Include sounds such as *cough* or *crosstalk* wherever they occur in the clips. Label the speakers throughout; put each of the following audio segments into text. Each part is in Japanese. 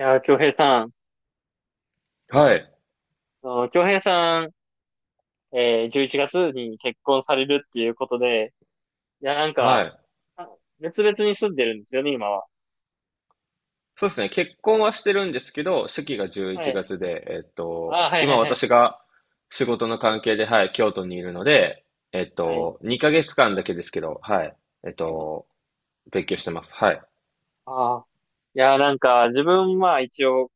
Speaker 1: いやー、京平さん、
Speaker 2: はい。
Speaker 1: あの京平さん、11月に結婚されるっていうことで、いや、なん
Speaker 2: は
Speaker 1: か、
Speaker 2: い。
Speaker 1: あ別々に住んでるんですよね、今は。
Speaker 2: そうですね。結婚はしてるんですけど、式が11
Speaker 1: はい。
Speaker 2: 月で、
Speaker 1: あー、はいは
Speaker 2: 今
Speaker 1: いはい。
Speaker 2: 私が仕事の関係で、はい、京都にいるので、
Speaker 1: はい。
Speaker 2: 2ヶ月間だけですけど、はい。えっ
Speaker 1: はい。
Speaker 2: と、勉強してます。はい。
Speaker 1: あー、いやー、なんか、自分は一応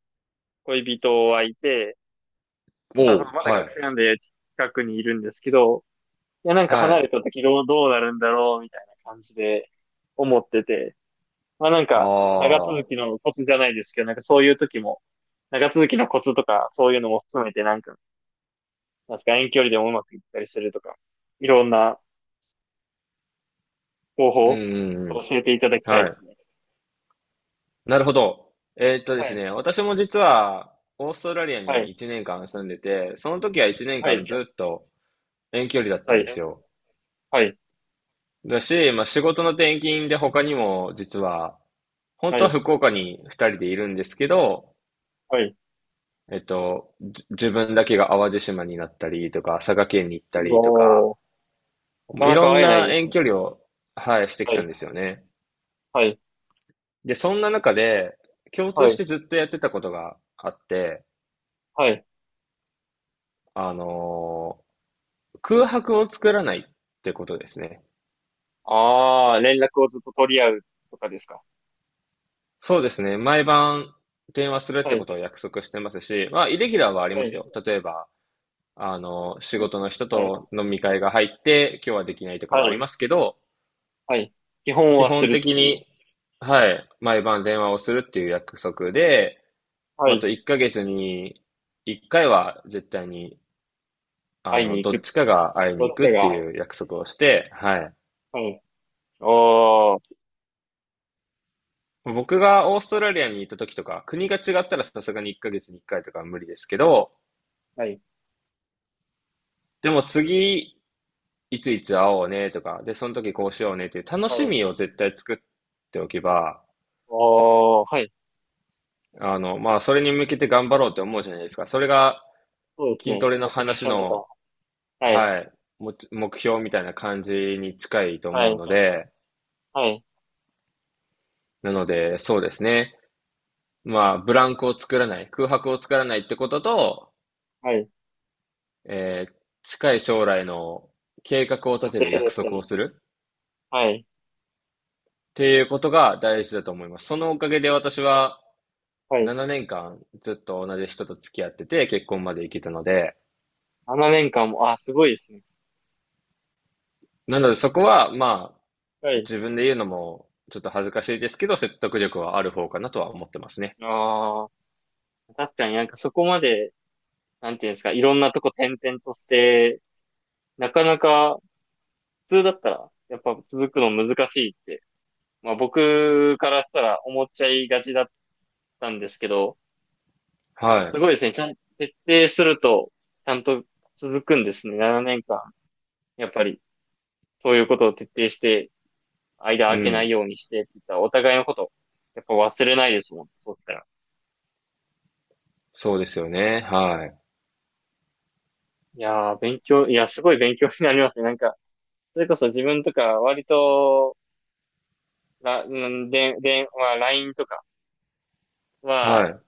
Speaker 1: 恋人はいて、まあ、その
Speaker 2: おお、
Speaker 1: まだ
Speaker 2: は
Speaker 1: 学
Speaker 2: い。
Speaker 1: 生なんで近くにいるんですけど、いや、なんか
Speaker 2: は
Speaker 1: 離れ
Speaker 2: い。
Speaker 1: た時どうなるんだろう、みたいな感じで思ってて。まあなん
Speaker 2: あ
Speaker 1: か、長続
Speaker 2: あ、
Speaker 1: きのコツじゃないですけど、なんかそういう時も、長続きのコツとか、そういうのも含めて、なんか、なんすか、遠距離でもうまくいったりするとか、いろんな方法
Speaker 2: うん
Speaker 1: を
Speaker 2: うんう
Speaker 1: 教えていただき
Speaker 2: ん。
Speaker 1: たい
Speaker 2: は
Speaker 1: で
Speaker 2: い。
Speaker 1: すね。
Speaker 2: なるほど。で
Speaker 1: は
Speaker 2: す
Speaker 1: い。
Speaker 2: ね、私も実は、オーストラリア
Speaker 1: は
Speaker 2: に
Speaker 1: い。
Speaker 2: 1年間住んでて、その時は1年
Speaker 1: はい。
Speaker 2: 間ずっと遠距離だった
Speaker 1: は
Speaker 2: ん
Speaker 1: い。
Speaker 2: ですよ。
Speaker 1: はい。
Speaker 2: だし、まあ、仕事の転勤で他にも実は、本
Speaker 1: は
Speaker 2: 当は
Speaker 1: い。
Speaker 2: 福岡に二人でいるんですけど、
Speaker 1: はい。
Speaker 2: 自分だけが淡路島になったりとか、佐賀県に行ったりとか、
Speaker 1: おー、な
Speaker 2: も
Speaker 1: か
Speaker 2: うい
Speaker 1: な
Speaker 2: ろ
Speaker 1: か
Speaker 2: ん
Speaker 1: 会えない
Speaker 2: な
Speaker 1: です
Speaker 2: 遠
Speaker 1: ね。
Speaker 2: 距離を、はい、して
Speaker 1: は
Speaker 2: きた
Speaker 1: い。
Speaker 2: んですよね。
Speaker 1: はい。
Speaker 2: で、そんな中で、共
Speaker 1: は
Speaker 2: 通し
Speaker 1: い。
Speaker 2: てずっとやってたことがあって、
Speaker 1: はい。
Speaker 2: あのー空白を作らないってことですね。
Speaker 1: ああ、連絡をずっと取り合うとかですか。
Speaker 2: そうですね。毎晩電話するっ
Speaker 1: は
Speaker 2: て
Speaker 1: い。
Speaker 2: ことを約束してますし、まあ、イレギュラーはあり
Speaker 1: は
Speaker 2: ます
Speaker 1: い。
Speaker 2: よ。例えば、あの、仕
Speaker 1: の
Speaker 2: 事の人
Speaker 1: はい。
Speaker 2: と飲み会が入って、今日はできないとか
Speaker 1: は
Speaker 2: はありま
Speaker 1: い。
Speaker 2: すけど、
Speaker 1: はい。基本
Speaker 2: 基
Speaker 1: はす
Speaker 2: 本
Speaker 1: るっ
Speaker 2: 的
Speaker 1: ていう。
Speaker 2: に、はい、毎晩電話をするっていう約束で、
Speaker 1: は
Speaker 2: また
Speaker 1: い。
Speaker 2: 1ヶ月に1回は絶対に、あ
Speaker 1: 会い
Speaker 2: の、
Speaker 1: に行
Speaker 2: どっ
Speaker 1: く
Speaker 2: ちかが会いに
Speaker 1: と
Speaker 2: 行
Speaker 1: し
Speaker 2: くっ
Speaker 1: て
Speaker 2: て
Speaker 1: が、
Speaker 2: いう約束をして、はい。
Speaker 1: はい。おー、
Speaker 2: 僕がオーストラリアに行った時とか、国が違ったらさすがに1ヶ月に1回とかは無理ですけど、
Speaker 1: はい。
Speaker 2: でも次、いついつ会おうねとか、で、その時こうしようねっていう楽し
Speaker 1: はい。
Speaker 2: みを絶対作っておけば、
Speaker 1: おー、はい。
Speaker 2: あの、まあ、それに向けて頑張ろうって思うじゃないですか。それが
Speaker 1: そうです
Speaker 2: 筋ト
Speaker 1: ね。
Speaker 2: レの
Speaker 1: モチベー
Speaker 2: 話
Speaker 1: ションとか、
Speaker 2: の、
Speaker 1: はい。
Speaker 2: はい、目標みたいな感じに近いと
Speaker 1: は
Speaker 2: 思
Speaker 1: い。
Speaker 2: うので、
Speaker 1: はい。
Speaker 2: なので、そうですね。まあ、ブランクを作らない、空白を作らないってことと、
Speaker 1: はい。
Speaker 2: えー近い将来の計画を
Speaker 1: 予
Speaker 2: 立て
Speaker 1: 定だ
Speaker 2: る約
Speaker 1: った
Speaker 2: 束を
Speaker 1: り、
Speaker 2: するっ
Speaker 1: はい。
Speaker 2: ていうことが大事だと思います。そのおかげで私は
Speaker 1: はい。
Speaker 2: 7年間ずっと同じ人と付き合ってて結婚まで行けたので、
Speaker 1: 7年間も、あ、すごいですね。
Speaker 2: なのでそこは、まあ、
Speaker 1: はい。
Speaker 2: 自分で言うのもちょっと恥ずかしいですけど、説得力はある方かなとは思ってますね。
Speaker 1: ああ、確かになんかそこまで、なんていうんですか、いろんなとこ転々として、なかなか、普通だったら、やっぱ続くの難しいって、まあ僕からしたら思っちゃいがちだったんですけど、やす
Speaker 2: は
Speaker 1: ごいですね。ちゃん、徹底すると、ちゃんと続くんですね。7年間。やっぱり、そういうことを徹底して、間
Speaker 2: い。う
Speaker 1: 空けない
Speaker 2: ん。
Speaker 1: ようにしてって言ったら、お互いのこと、やっぱ忘れないですもん。そうしたら。
Speaker 2: そうですよね。はい。
Speaker 1: いやー、いや、すごい勉強になりますね。なんか、それこそ自分とか、割と、うん、で、まあ、LINE とか
Speaker 2: は
Speaker 1: は、
Speaker 2: い。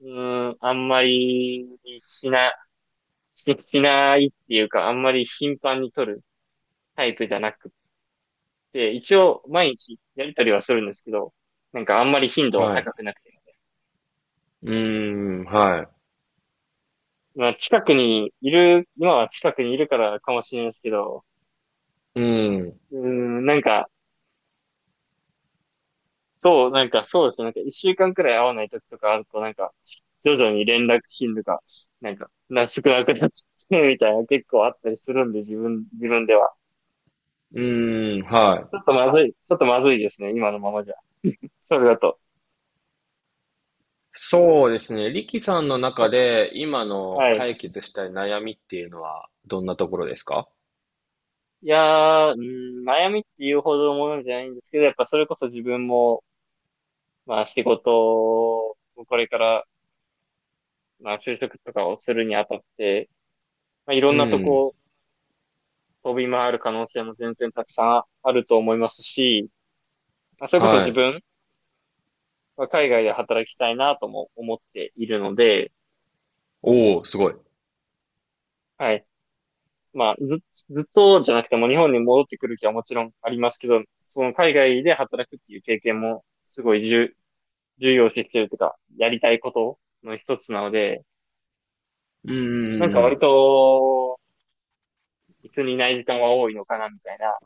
Speaker 1: うん、あんまりしな、し、しないっていうか、あんまり頻繁に取るタイプじゃなくっで、一応毎日やりとりはするんですけど、なんかあんまり頻度は
Speaker 2: は
Speaker 1: 高
Speaker 2: い。
Speaker 1: くなくて。
Speaker 2: うーん、は
Speaker 1: まあ近くにいる、今は近くにいるからかもしれないですけど、
Speaker 2: い。うーん。
Speaker 1: うーん、なんか、そう、なんかそうですね。なんか一週間くらい会わない時とかあると、なんか、徐々に連絡頻度が、なんか、なしくなくなっちゃうみたいな結構あったりするんで、自分では。
Speaker 2: うーん、はい。
Speaker 1: ちょっとまずいですね、今のままじゃ。それだと。
Speaker 2: そうですね。リキさんの中で今の
Speaker 1: はい。
Speaker 2: 解決したい悩みっていうのはどんなところですか？
Speaker 1: いやー、うーん、悩みっていうほどのものじゃないんですけど、やっぱそれこそ自分も、まあ仕事をこれから、まあ就職とかをするにあたって、まあいろ
Speaker 2: う
Speaker 1: んなと
Speaker 2: ん。
Speaker 1: こ飛び回る可能性も全然たくさんあると思いますし、まあそれこそ
Speaker 2: は
Speaker 1: 自
Speaker 2: い。
Speaker 1: 分は海外で働きたいなとも思っているので、
Speaker 2: おお、すごい。
Speaker 1: はい。まあず、ずっとじゃなくても日本に戻ってくる気はもちろんありますけど、その海外で働くっていう経験もすごい重要視してるというか、やりたいことの一つなので、
Speaker 2: う
Speaker 1: なんか
Speaker 2: んう
Speaker 1: 割
Speaker 2: ん
Speaker 1: と、一緒にいない時間は多いのかな、みたいな、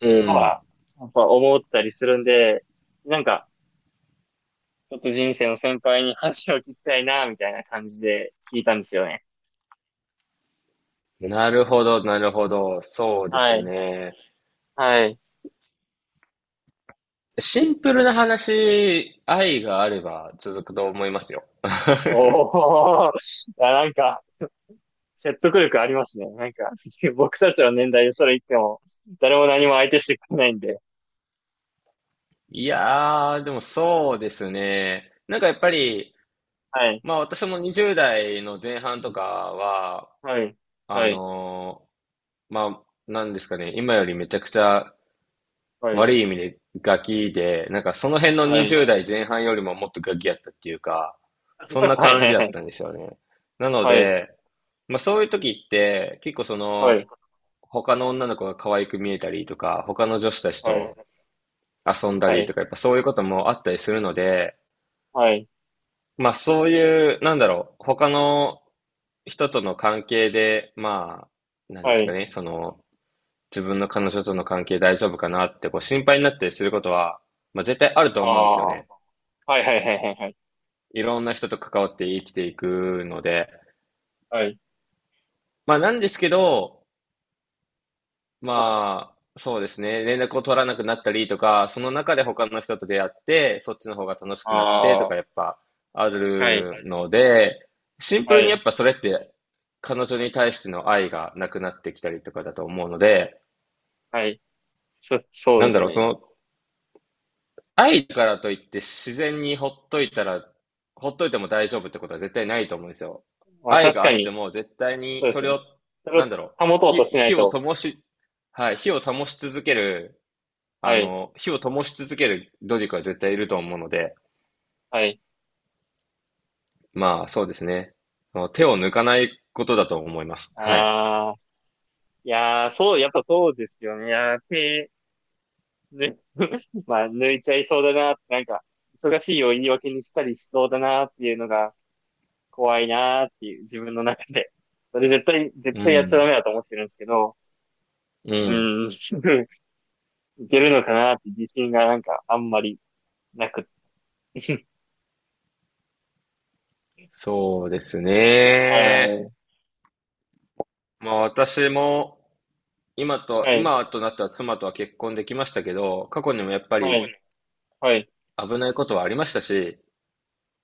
Speaker 2: うん
Speaker 1: の
Speaker 2: うん。
Speaker 1: は、やっぱ思ったりするんで、なんか、ちょっと人生の先輩に話を聞きたいな、みたいな感じで聞いたんですよね。
Speaker 2: うん。なるほど、なるほど。そうで
Speaker 1: は
Speaker 2: す
Speaker 1: い。
Speaker 2: ね。
Speaker 1: はい。
Speaker 2: シンプルな話、愛があれば続くと思いますよ。
Speaker 1: おー、なんか、説得力ありますね。なんか、*laughs* 僕たちの年代でそれ言っても、誰も何も相手してくれないんで。
Speaker 2: いやー、でもそうですね。なんかやっぱり、
Speaker 1: はい。
Speaker 2: まあ私も20代の前半とかは、
Speaker 1: はい。
Speaker 2: あ
Speaker 1: はい。
Speaker 2: のまあ、なんですかね、今よりめちゃくちゃ
Speaker 1: はい。
Speaker 2: 悪い意味でガキで、なんかその辺の
Speaker 1: はい。
Speaker 2: 20代前半よりももっとガキやったっていうか、そん
Speaker 1: *laughs*
Speaker 2: な
Speaker 1: は
Speaker 2: 感じだっ
Speaker 1: い。
Speaker 2: たんですよね。なの
Speaker 1: はい。
Speaker 2: で、まあそういう時って、結構そ
Speaker 1: は
Speaker 2: の、
Speaker 1: い。
Speaker 2: 他の女の子が可愛く見えたりとか、他の女子たち
Speaker 1: はい。
Speaker 2: と遊んだ
Speaker 1: は
Speaker 2: り
Speaker 1: い。
Speaker 2: とか、やっぱそういうこともあったりするので、
Speaker 1: はい。はい。
Speaker 2: まあそういう、なんだろう、他の人との関係で、まあ、なん
Speaker 1: は
Speaker 2: で
Speaker 1: い。はい。
Speaker 2: す
Speaker 1: は
Speaker 2: か
Speaker 1: い。
Speaker 2: ね、その、自分の彼女との関係大丈夫かなってこう心配になったりすることは、まあ絶対あると
Speaker 1: あ
Speaker 2: 思うんですよ
Speaker 1: あ。
Speaker 2: ね。
Speaker 1: はいはいはいはいはい。
Speaker 2: いろんな人と関わって生きていくので。
Speaker 1: はい。
Speaker 2: まあなんですけど、
Speaker 1: はい。
Speaker 2: まあ、そうですね。連絡を取らなくなったりとか、その中で他の人と出会って、そっちの方が楽しくなってと
Speaker 1: ああ、
Speaker 2: か、やっぱあ
Speaker 1: はい。
Speaker 2: るので、シンプ
Speaker 1: は
Speaker 2: ルにや
Speaker 1: い。
Speaker 2: っぱそれって、彼女に対しての愛がなくなってきたりとかだと思うので、
Speaker 1: はい。そう
Speaker 2: な
Speaker 1: で
Speaker 2: んだ
Speaker 1: す
Speaker 2: ろう、そ
Speaker 1: ね。
Speaker 2: の、愛だからといって自然にほっといたら、ほっといても大丈夫ってことは絶対ないと思うんですよ。
Speaker 1: まあ
Speaker 2: 愛
Speaker 1: 確
Speaker 2: があ
Speaker 1: か
Speaker 2: って
Speaker 1: に、
Speaker 2: も絶対に
Speaker 1: そうで
Speaker 2: そ
Speaker 1: す
Speaker 2: れ
Speaker 1: ね。
Speaker 2: を、
Speaker 1: それ
Speaker 2: なん
Speaker 1: を
Speaker 2: だろう、
Speaker 1: 保とうとしない
Speaker 2: 火を
Speaker 1: と。
Speaker 2: 灯し、はい、火を灯し続ける
Speaker 1: は
Speaker 2: あ
Speaker 1: い。
Speaker 2: の、火を灯し続ける努力は絶対いると思うので、
Speaker 1: はい。
Speaker 2: まあ、そうですね。もう手を抜かないことだと思います。はい。
Speaker 1: ああ、いやー、そう、やっぱそうですよね。いやー、手、ね、*laughs* まあ、抜いちゃいそうだな、なんか、忙しいを言い訳にしたりしそうだなっていうのが怖いなーっていう、自分の中で。それ絶対、
Speaker 2: う
Speaker 1: 絶対やっちゃ
Speaker 2: ん。
Speaker 1: ダメだと思ってるんですけど、
Speaker 2: う
Speaker 1: う
Speaker 2: ん。
Speaker 1: ん、*laughs* いけるのかなって自信がなんかあんまりなく、*laughs*
Speaker 2: そうです
Speaker 1: は
Speaker 2: ね。
Speaker 1: い、
Speaker 2: まあ、私も、
Speaker 1: はい、
Speaker 2: 今となった妻とは結婚できましたけど、過去にもやっぱ
Speaker 1: は
Speaker 2: り
Speaker 1: い、はい、
Speaker 2: 危ないことはありましたし、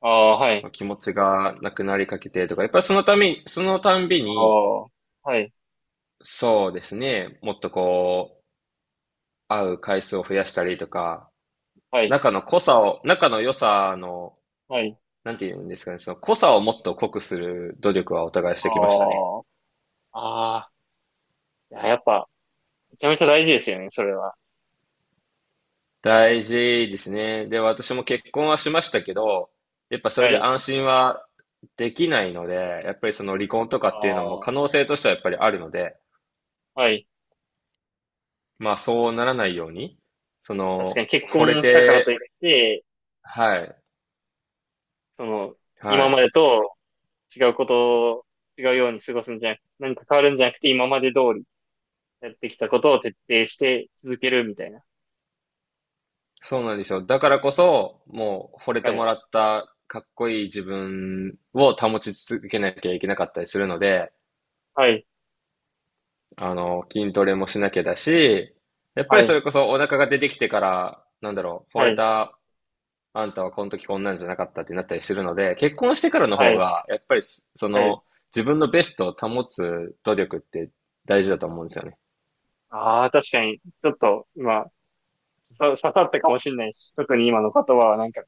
Speaker 1: ああ、は
Speaker 2: ま
Speaker 1: い、
Speaker 2: あ気持ちがなくなりかけてとか、やっぱりそのため、そのたんび
Speaker 1: あ
Speaker 2: に、
Speaker 1: あ、はい、
Speaker 2: そうですね、もっとこう、会う回数を増やしたりとか、
Speaker 1: はい、
Speaker 2: 仲の良さの、
Speaker 1: はい、
Speaker 2: なんて言うんですかね、その濃さをもっと濃くする努力はお互いしてきましたね。
Speaker 1: ああ、ああ、いややっぱ、めちゃめちゃ大事ですよね、それは。
Speaker 2: 大事ですね。で、私も結婚はしましたけど、やっぱそ
Speaker 1: は
Speaker 2: れで
Speaker 1: い、
Speaker 2: 安心はできないので、やっぱりその離婚とか
Speaker 1: あ
Speaker 2: っていうのも
Speaker 1: あ、
Speaker 2: 可能性としてはやっぱりあるので、
Speaker 1: はい。
Speaker 2: まあそうならないように、そ
Speaker 1: 確かに
Speaker 2: の、
Speaker 1: 結
Speaker 2: 惚れ
Speaker 1: 婚したからといっ
Speaker 2: て、
Speaker 1: て、
Speaker 2: はい、
Speaker 1: その、
Speaker 2: は
Speaker 1: 今ま
Speaker 2: い。
Speaker 1: でと違うことを、違うように過ごすんじゃなく、何か変わるんじゃなくて、今まで通りやってきたことを徹底して続けるみたいな。
Speaker 2: そうなんですよ。だからこそ、もう惚れ
Speaker 1: は
Speaker 2: ても
Speaker 1: い、
Speaker 2: らったかっこいい自分を保ち続けなきゃいけなかったりするので、
Speaker 1: はい、
Speaker 2: あの、筋トレもしなきゃだし、やっぱ
Speaker 1: は
Speaker 2: りそ
Speaker 1: い、
Speaker 2: れこそお腹が出てきてから、なんだろう、惚
Speaker 1: は
Speaker 2: れ
Speaker 1: い、
Speaker 2: たあんたはこの時こんなんじゃなかったってなったりするので、結婚してからの
Speaker 1: は
Speaker 2: 方
Speaker 1: い、
Speaker 2: が、やっぱりそ
Speaker 1: はい。
Speaker 2: の自分のベストを保つ努力って大事だと思うんですよね。
Speaker 1: ああ、確かに、ちょっと今、刺さったかもしれないし、特に今の言葉はなんか、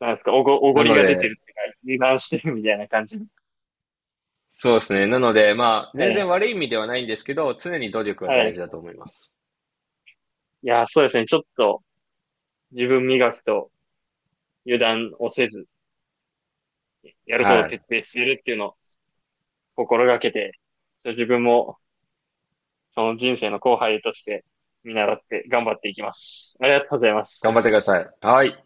Speaker 1: なんですか、おご
Speaker 2: な
Speaker 1: り
Speaker 2: の
Speaker 1: が出て
Speaker 2: で、
Speaker 1: るっていうか、油断してるみたいな感じ。
Speaker 2: そうですね。なので、まあ、
Speaker 1: は
Speaker 2: 全
Speaker 1: い。
Speaker 2: 然悪い意味ではないんですけど、常に努力は
Speaker 1: は
Speaker 2: 大
Speaker 1: い。
Speaker 2: 事だと思います。
Speaker 1: いや、そうですね。ちょっと自分磨きと油断をせず、やることを
Speaker 2: はい。
Speaker 1: 徹底しているっていうのを心がけて、ちょっと自分もその人生の後輩として見習って頑張っていきます。ありがとうございます。
Speaker 2: 頑張ってください。はい。